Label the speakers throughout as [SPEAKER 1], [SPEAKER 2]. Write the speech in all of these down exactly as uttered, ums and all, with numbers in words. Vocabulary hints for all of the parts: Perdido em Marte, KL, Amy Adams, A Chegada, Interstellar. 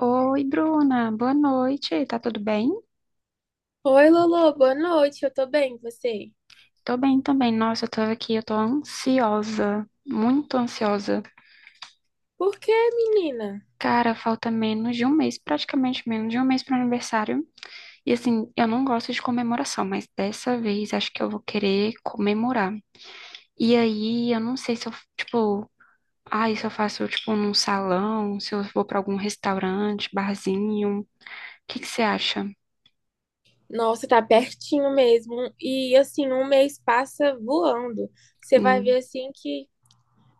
[SPEAKER 1] Oi, Bruna, boa noite. Tá tudo bem?
[SPEAKER 2] Oi, Lolo, boa noite. Eu tô bem, e você?
[SPEAKER 1] Tô bem também. Nossa, eu tô aqui, eu tô ansiosa, muito ansiosa.
[SPEAKER 2] Por que, menina?
[SPEAKER 1] Cara, falta menos de um mês, praticamente menos de um mês pro aniversário. E assim, eu não gosto de comemoração, mas dessa vez acho que eu vou querer comemorar. E aí, eu não sei se eu, tipo, ai, se eu faço, tipo, num salão, se eu vou pra algum restaurante, barzinho. O que que você acha?
[SPEAKER 2] Nossa, tá pertinho mesmo. E assim, um mês passa voando. Você vai
[SPEAKER 1] Hum,
[SPEAKER 2] ver assim que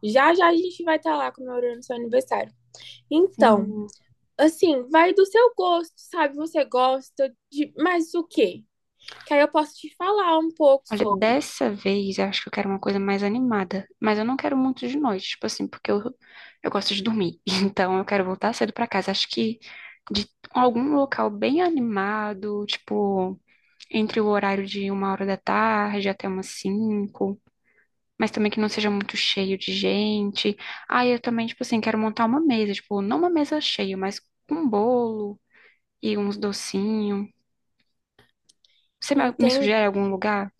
[SPEAKER 2] já já a gente vai estar lá comemorando seu aniversário. Então,
[SPEAKER 1] sim.
[SPEAKER 2] assim, vai do seu gosto, sabe? Você gosta de mais o quê? Que aí eu posso te falar um pouco
[SPEAKER 1] Olha,
[SPEAKER 2] sobre.
[SPEAKER 1] dessa vez eu acho que eu quero uma coisa mais animada, mas eu não quero muito de noite, tipo assim, porque eu, eu gosto de dormir. Então eu quero voltar cedo pra casa. Acho que de algum local bem animado, tipo, entre o horário de uma hora da tarde até umas cinco, mas também que não seja muito cheio de gente. Ah, eu também, tipo assim, quero montar uma mesa, tipo, não uma mesa cheia, mas com um bolo e uns docinhos. Você me me
[SPEAKER 2] Entende?
[SPEAKER 1] sugere algum lugar?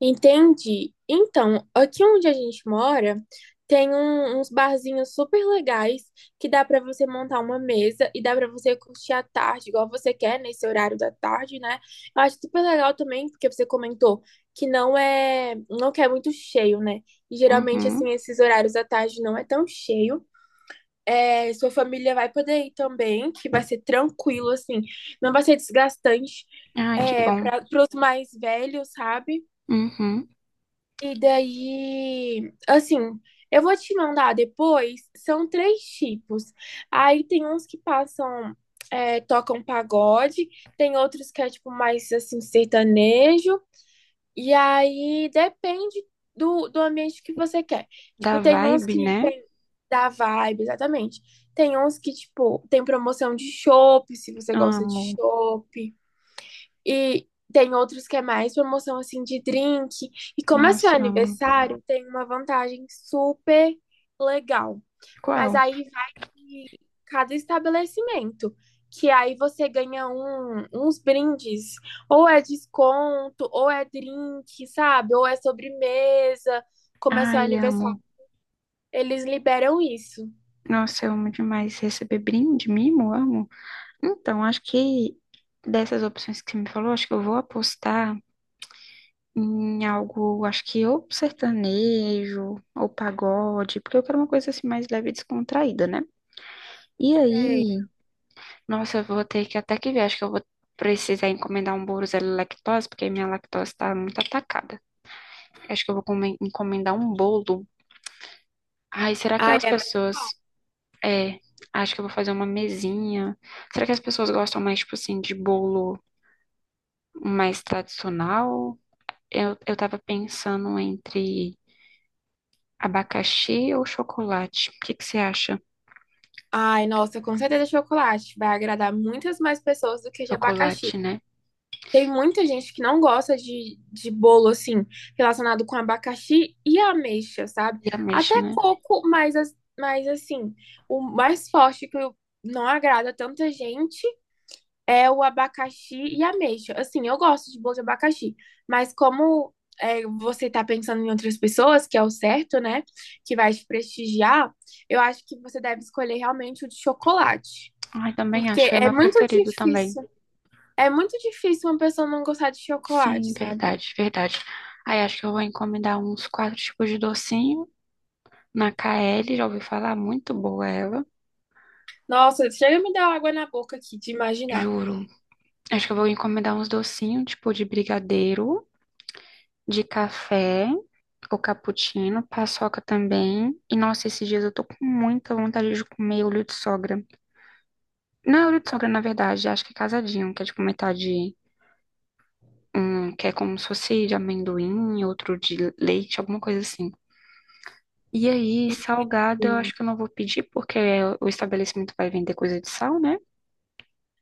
[SPEAKER 2] Entendi. Então, aqui onde a gente mora, tem um- uns barzinhos super legais que dá pra você montar uma mesa e dá pra você curtir à tarde, igual você quer, nesse horário da tarde, né? Eu acho super legal também, porque você comentou que não é, não quer muito cheio, né? E geralmente, assim,
[SPEAKER 1] Uhum.
[SPEAKER 2] esses horários da tarde não é tão cheio. É, sua família vai poder ir também, que vai ser tranquilo, assim, não vai ser desgastante.
[SPEAKER 1] Ah, que
[SPEAKER 2] É,
[SPEAKER 1] bom.
[SPEAKER 2] para os mais velhos, sabe?
[SPEAKER 1] Uhum.
[SPEAKER 2] E daí, assim, eu vou te mandar depois. São três tipos. Aí tem uns que passam, é, tocam pagode, tem outros que é tipo mais assim, sertanejo. E aí depende do, do ambiente que você quer. Tipo,
[SPEAKER 1] Da
[SPEAKER 2] tem uns
[SPEAKER 1] vibe,
[SPEAKER 2] que
[SPEAKER 1] né?
[SPEAKER 2] tem da vibe, exatamente. Tem uns que, tipo, tem promoção de chopp, se você gosta de
[SPEAKER 1] Amo.
[SPEAKER 2] chopp. E tem outros que é mais promoção assim de drink. E como é seu
[SPEAKER 1] Nossa, amo.
[SPEAKER 2] aniversário, tem uma vantagem super legal. Mas
[SPEAKER 1] Qual?
[SPEAKER 2] aí vai de cada estabelecimento, que aí você ganha um, uns brindes, ou é desconto, ou é drink, sabe? Ou é sobremesa. Como é seu
[SPEAKER 1] Ai,
[SPEAKER 2] aniversário,
[SPEAKER 1] amo.
[SPEAKER 2] eles liberam isso.
[SPEAKER 1] Nossa, eu amo demais receber brinde, mimo, amo. Então, acho que dessas opções que você me falou, acho que eu vou apostar em algo, acho que ou sertanejo, ou pagode, porque eu quero uma coisa assim mais leve e descontraída, né? E
[SPEAKER 2] Sei.
[SPEAKER 1] aí, nossa, eu vou ter que até que ver, acho que eu vou precisar encomendar um bolo zero lactose, porque minha lactose tá muito atacada. Acho que eu vou come- encomendar um bolo. Ai, será que
[SPEAKER 2] Ai,
[SPEAKER 1] as
[SPEAKER 2] é-
[SPEAKER 1] pessoas. É, acho que eu vou fazer uma mesinha. Será que as pessoas gostam mais, tipo assim, de bolo mais tradicional? Eu, eu tava pensando entre abacaxi ou chocolate. O que que você acha?
[SPEAKER 2] ai, nossa, com certeza chocolate. Vai agradar muitas mais pessoas do que de abacaxi.
[SPEAKER 1] Chocolate, né?
[SPEAKER 2] Tem muita gente que não gosta de, de bolo, assim, relacionado com abacaxi e ameixa, sabe?
[SPEAKER 1] E
[SPEAKER 2] Até
[SPEAKER 1] ameixa, né?
[SPEAKER 2] coco, mas, as- mas assim, o mais forte que eu- não agrada tanta gente é o abacaxi e ameixa. Assim, eu gosto de bolo de abacaxi, mas como é, você tá pensando em outras pessoas, que é o certo, né? Que vai te prestigiar, eu acho que você deve escolher realmente o de chocolate.
[SPEAKER 1] Ai, também
[SPEAKER 2] Porque
[SPEAKER 1] acho. É o
[SPEAKER 2] é
[SPEAKER 1] meu
[SPEAKER 2] muito
[SPEAKER 1] preferido também.
[SPEAKER 2] difícil. É muito difícil uma pessoa não gostar de chocolate,
[SPEAKER 1] Sim,
[SPEAKER 2] sabe?
[SPEAKER 1] verdade, verdade. Aí acho que eu vou encomendar uns quatro tipos de docinho na K L. Já ouvi falar, muito boa ela.
[SPEAKER 2] Nossa, chega a me dar água na boca aqui de imaginar.
[SPEAKER 1] Juro. Acho que eu vou encomendar uns docinhos, tipo de brigadeiro, de café, ou cappuccino, paçoca também. E nossa, esses dias eu tô com muita vontade de comer olho de sogra. Não é olho de sogra, na verdade, acho que é casadinho, que é tipo metade, um, que é como se fosse de amendoim, outro de leite, alguma coisa assim. E aí, salgado, eu
[SPEAKER 2] Enfim.
[SPEAKER 1] acho que eu não vou pedir, porque o estabelecimento vai vender coisa de sal, né?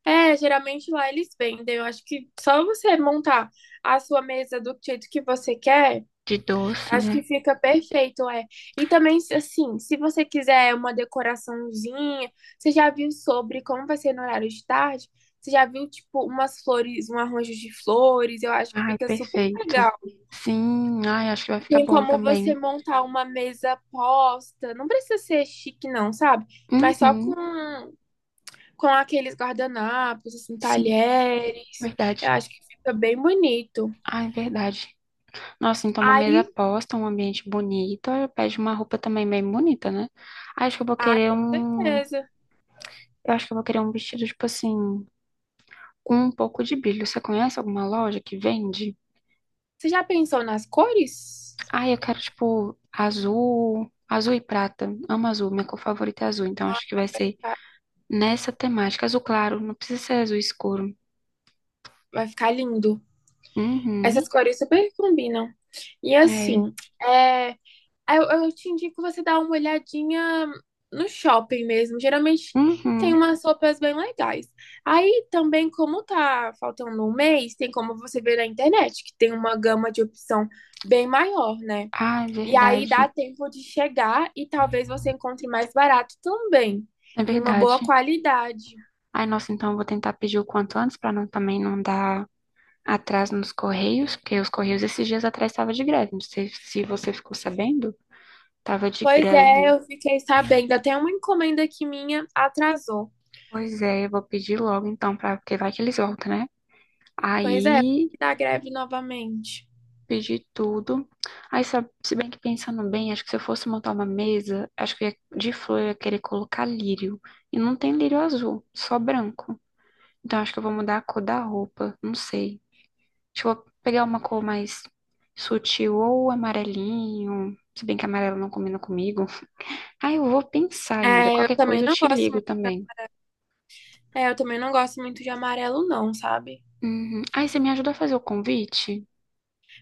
[SPEAKER 2] É, geralmente lá eles vendem. Eu acho que só você montar a sua mesa do jeito que você quer,
[SPEAKER 1] De doce,
[SPEAKER 2] acho
[SPEAKER 1] né?
[SPEAKER 2] que fica perfeito, é. E também, se- assim, se você quiser uma decoraçãozinha, você já viu sobre como vai ser no horário de tarde? Você já viu, tipo, umas flores, um arranjo de flores? Eu acho que
[SPEAKER 1] Ai,
[SPEAKER 2] fica super
[SPEAKER 1] perfeito.
[SPEAKER 2] legal.
[SPEAKER 1] Sim, ai, acho que vai ficar
[SPEAKER 2] Tem
[SPEAKER 1] bom
[SPEAKER 2] como você
[SPEAKER 1] também.
[SPEAKER 2] montar uma mesa posta. Não precisa ser chique, não, sabe? Mas só com,
[SPEAKER 1] Uhum.
[SPEAKER 2] com aqueles guardanapos, assim,
[SPEAKER 1] Sim,
[SPEAKER 2] talheres. Eu
[SPEAKER 1] verdade.
[SPEAKER 2] acho que fica bem bonito.
[SPEAKER 1] Ah, é verdade. Nossa, então uma mesa
[SPEAKER 2] Aí,
[SPEAKER 1] posta, um ambiente bonito, aí eu pede uma roupa também bem bonita, né? Acho que eu vou
[SPEAKER 2] ai,
[SPEAKER 1] querer
[SPEAKER 2] com
[SPEAKER 1] um,
[SPEAKER 2] certeza.
[SPEAKER 1] eu acho que eu vou querer um vestido tipo assim, com um pouco de brilho. Você conhece alguma loja que vende?
[SPEAKER 2] Você já pensou nas cores?
[SPEAKER 1] Ah, eu quero tipo azul, azul e prata. Amo azul, minha cor favorita é azul, então acho que vai ser
[SPEAKER 2] Ah,
[SPEAKER 1] nessa temática, azul claro, não precisa ser azul escuro.
[SPEAKER 2] vai ficar lindo. Essas
[SPEAKER 1] Uhum.
[SPEAKER 2] cores super combinam. E
[SPEAKER 1] É.
[SPEAKER 2] assim, é, Eu, eu te indico você dar uma olhadinha no shopping mesmo. Geralmente tem
[SPEAKER 1] Uhum.
[SPEAKER 2] umas roupas bem legais. Aí também, como tá faltando um mês, tem como você ver na internet, que tem uma gama de opção bem maior, né?
[SPEAKER 1] Ah, é
[SPEAKER 2] E aí dá
[SPEAKER 1] verdade.
[SPEAKER 2] tempo de chegar e talvez você encontre mais barato também.
[SPEAKER 1] É
[SPEAKER 2] E uma boa
[SPEAKER 1] verdade.
[SPEAKER 2] qualidade.
[SPEAKER 1] Ai, nossa, então eu vou tentar pedir o quanto antes para não também não dar atraso nos correios, porque os correios esses dias atrás estava de greve. Não sei se você ficou sabendo, tava de
[SPEAKER 2] Pois é,
[SPEAKER 1] greve.
[SPEAKER 2] eu fiquei sabendo. Até uma encomenda que minha atrasou.
[SPEAKER 1] Pois é, eu vou pedir logo então para porque vai que eles voltam, né?
[SPEAKER 2] Pois é,
[SPEAKER 1] Aí
[SPEAKER 2] da greve novamente.
[SPEAKER 1] pedi tudo. Aí sabe, se bem que pensando bem, acho que se eu fosse montar uma mesa, acho que eu ia, de flor eu ia querer colocar lírio e não tem lírio azul, só branco. Então acho que eu vou mudar a cor da roupa, não sei. Deixa eu vou pegar uma cor mais sutil ou amarelinho. Se bem que amarelo não combina comigo. Ah, eu vou pensar ainda.
[SPEAKER 2] É, eu
[SPEAKER 1] Qualquer
[SPEAKER 2] também
[SPEAKER 1] coisa eu
[SPEAKER 2] não
[SPEAKER 1] te
[SPEAKER 2] gosto
[SPEAKER 1] ligo também.
[SPEAKER 2] É, eu também não gosto muito de amarelo, não, sabe?
[SPEAKER 1] Uhum. Ah, e você me ajuda a fazer o convite?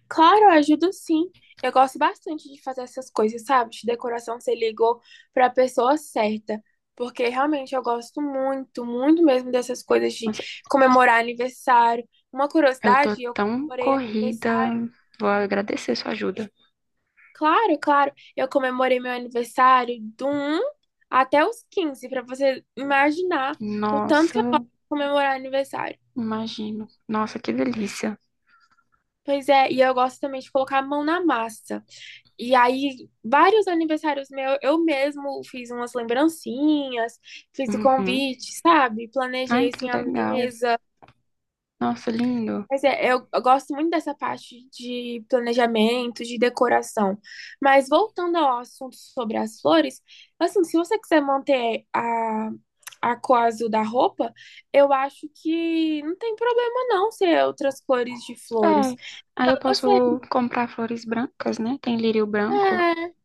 [SPEAKER 2] Claro, eu ajudo sim. Eu gosto bastante de fazer essas coisas, sabe? De decoração, você ligou pra pessoa certa. Porque realmente eu gosto muito, muito mesmo dessas coisas de
[SPEAKER 1] Nossa,
[SPEAKER 2] comemorar aniversário. Uma
[SPEAKER 1] eu tô
[SPEAKER 2] curiosidade, eu
[SPEAKER 1] tão
[SPEAKER 2] comemorei
[SPEAKER 1] corrida.
[SPEAKER 2] aniversário.
[SPEAKER 1] Vou agradecer sua ajuda.
[SPEAKER 2] Claro, claro. Eu comemorei meu aniversário do um até os quinze pra você imaginar o tanto que eu gosto
[SPEAKER 1] Nossa,
[SPEAKER 2] de comemorar aniversário.
[SPEAKER 1] imagino. Nossa, que delícia.
[SPEAKER 2] Pois é, e eu gosto também de colocar a mão na massa. E aí, vários aniversários meus, eu mesmo fiz umas lembrancinhas, fiz o
[SPEAKER 1] Uhum.
[SPEAKER 2] convite, sabe?
[SPEAKER 1] Ai,
[SPEAKER 2] Planejei
[SPEAKER 1] que
[SPEAKER 2] assim a
[SPEAKER 1] legal.
[SPEAKER 2] mesa.
[SPEAKER 1] Nossa, lindo.
[SPEAKER 2] Mas é, eu, eu gosto muito dessa parte de planejamento, de decoração. Mas voltando ao assunto sobre as flores, assim, se você quiser manter a, a cor azul da roupa, eu acho que não tem problema não ser outras cores de flores.
[SPEAKER 1] É. Aí eu
[SPEAKER 2] Você,
[SPEAKER 1] posso comprar flores brancas, né? Tem lírio branco.
[SPEAKER 2] é,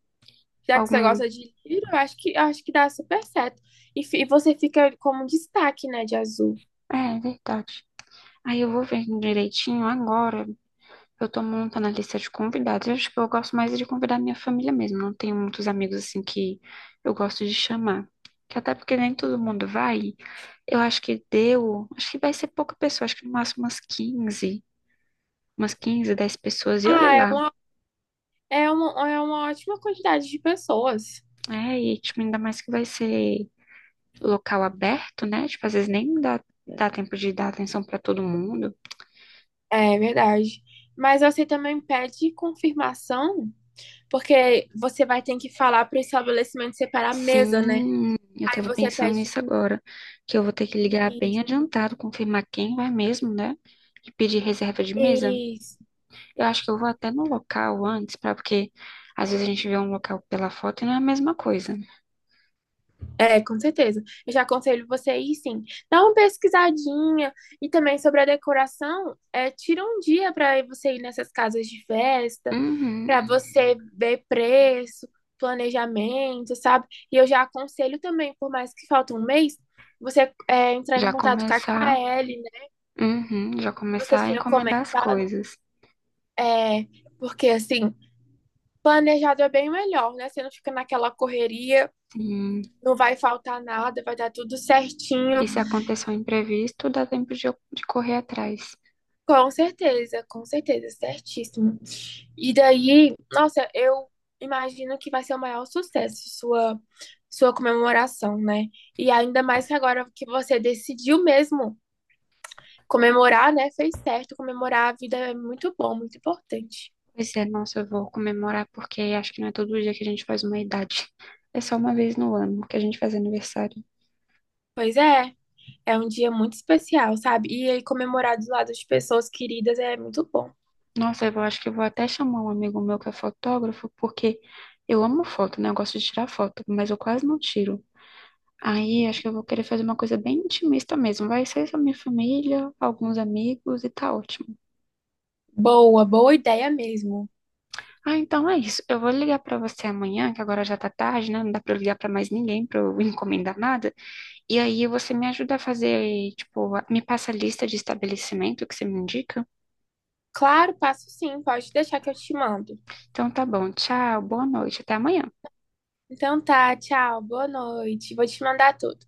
[SPEAKER 2] já que você
[SPEAKER 1] Algum.
[SPEAKER 2] gosta de livro, eu acho que, eu acho que dá super certo. E, fi- e você fica como um destaque, né, de azul.
[SPEAKER 1] É, é verdade. Aí eu vou ver direitinho agora. Eu tô montando a lista de convidados. Eu acho que eu gosto mais de convidar minha família mesmo. Não tenho muitos amigos assim que eu gosto de chamar. Que até porque nem todo mundo vai. Eu acho que deu. Acho que vai ser pouca pessoa. Acho que no máximo umas quinze, umas quinze, dez pessoas. E olha
[SPEAKER 2] Ah, é
[SPEAKER 1] lá.
[SPEAKER 2] uma, é uma, é uma ótima quantidade de pessoas.
[SPEAKER 1] É, e tipo, ainda mais que vai ser local aberto, né? Tipo, às vezes nem dá, dá tempo de dar atenção pra todo mundo.
[SPEAKER 2] É verdade. Mas você também pede confirmação, porque você vai ter que falar para o estabelecimento separar a mesa, né?
[SPEAKER 1] Sim, eu
[SPEAKER 2] Aí
[SPEAKER 1] tava
[SPEAKER 2] você
[SPEAKER 1] pensando
[SPEAKER 2] pede
[SPEAKER 1] nisso agora, que eu vou ter que ligar bem
[SPEAKER 2] isso,
[SPEAKER 1] adiantado, confirmar quem vai mesmo, né? E pedir reserva de mesa.
[SPEAKER 2] isso.
[SPEAKER 1] Eu acho que eu vou até no local antes, para porque às vezes a gente vê um local pela foto e não é a mesma coisa.
[SPEAKER 2] É, com certeza. Eu já aconselho você aí, sim. Dá uma pesquisadinha e também sobre a decoração, é, tira um dia para você ir nessas casas de festa,
[SPEAKER 1] Uhum,
[SPEAKER 2] para você ver preço, planejamento, sabe? E eu já aconselho também, por mais que falte um mês, você é, entrar em
[SPEAKER 1] já
[SPEAKER 2] contato com a
[SPEAKER 1] começar,
[SPEAKER 2] K L, né?
[SPEAKER 1] uhum, já
[SPEAKER 2] Que você
[SPEAKER 1] começar a
[SPEAKER 2] tinha
[SPEAKER 1] encomendar as
[SPEAKER 2] comentado,
[SPEAKER 1] coisas.
[SPEAKER 2] é, porque assim, planejado é bem melhor, né? Você não fica naquela correria,
[SPEAKER 1] Sim.
[SPEAKER 2] não vai faltar nada, vai dar tudo
[SPEAKER 1] E
[SPEAKER 2] certinho.
[SPEAKER 1] se acontecer um imprevisto, dá tempo de, eu- de correr atrás.
[SPEAKER 2] Com certeza, com certeza, certíssimo. E daí, nossa, eu imagino que vai ser o maior sucesso sua sua comemoração, né? E ainda mais que agora que você decidiu mesmo comemorar, né? Fez certo, comemorar a vida é muito bom, muito importante.
[SPEAKER 1] Pois é, nossa, eu vou comemorar porque acho que não é todo dia que a gente faz uma idade. É só uma vez no ano que a gente faz aniversário.
[SPEAKER 2] Pois é, é um dia muito especial, sabe? E aí comemorar do lado de pessoas queridas é muito bom.
[SPEAKER 1] Nossa, eu acho que eu vou até chamar um amigo meu que é fotógrafo, porque eu amo foto, né? Eu gosto de tirar foto, mas eu quase não tiro. Aí acho que eu vou querer fazer uma coisa bem intimista mesmo. Vai ser só minha família, alguns amigos e tá ótimo.
[SPEAKER 2] Boa, boa ideia mesmo.
[SPEAKER 1] Ah, então é isso. Eu vou ligar pra você amanhã, que agora já tá tarde, né? Não dá pra eu ligar pra mais ninguém pra eu encomendar nada. E aí você me ajuda a fazer, tipo, me passa a lista de estabelecimento que você me indica?
[SPEAKER 2] Claro, passo sim, pode deixar que eu te mando.
[SPEAKER 1] Então tá bom, tchau, boa noite, até amanhã.
[SPEAKER 2] Então tá, tchau, boa noite. Vou te mandar tudo.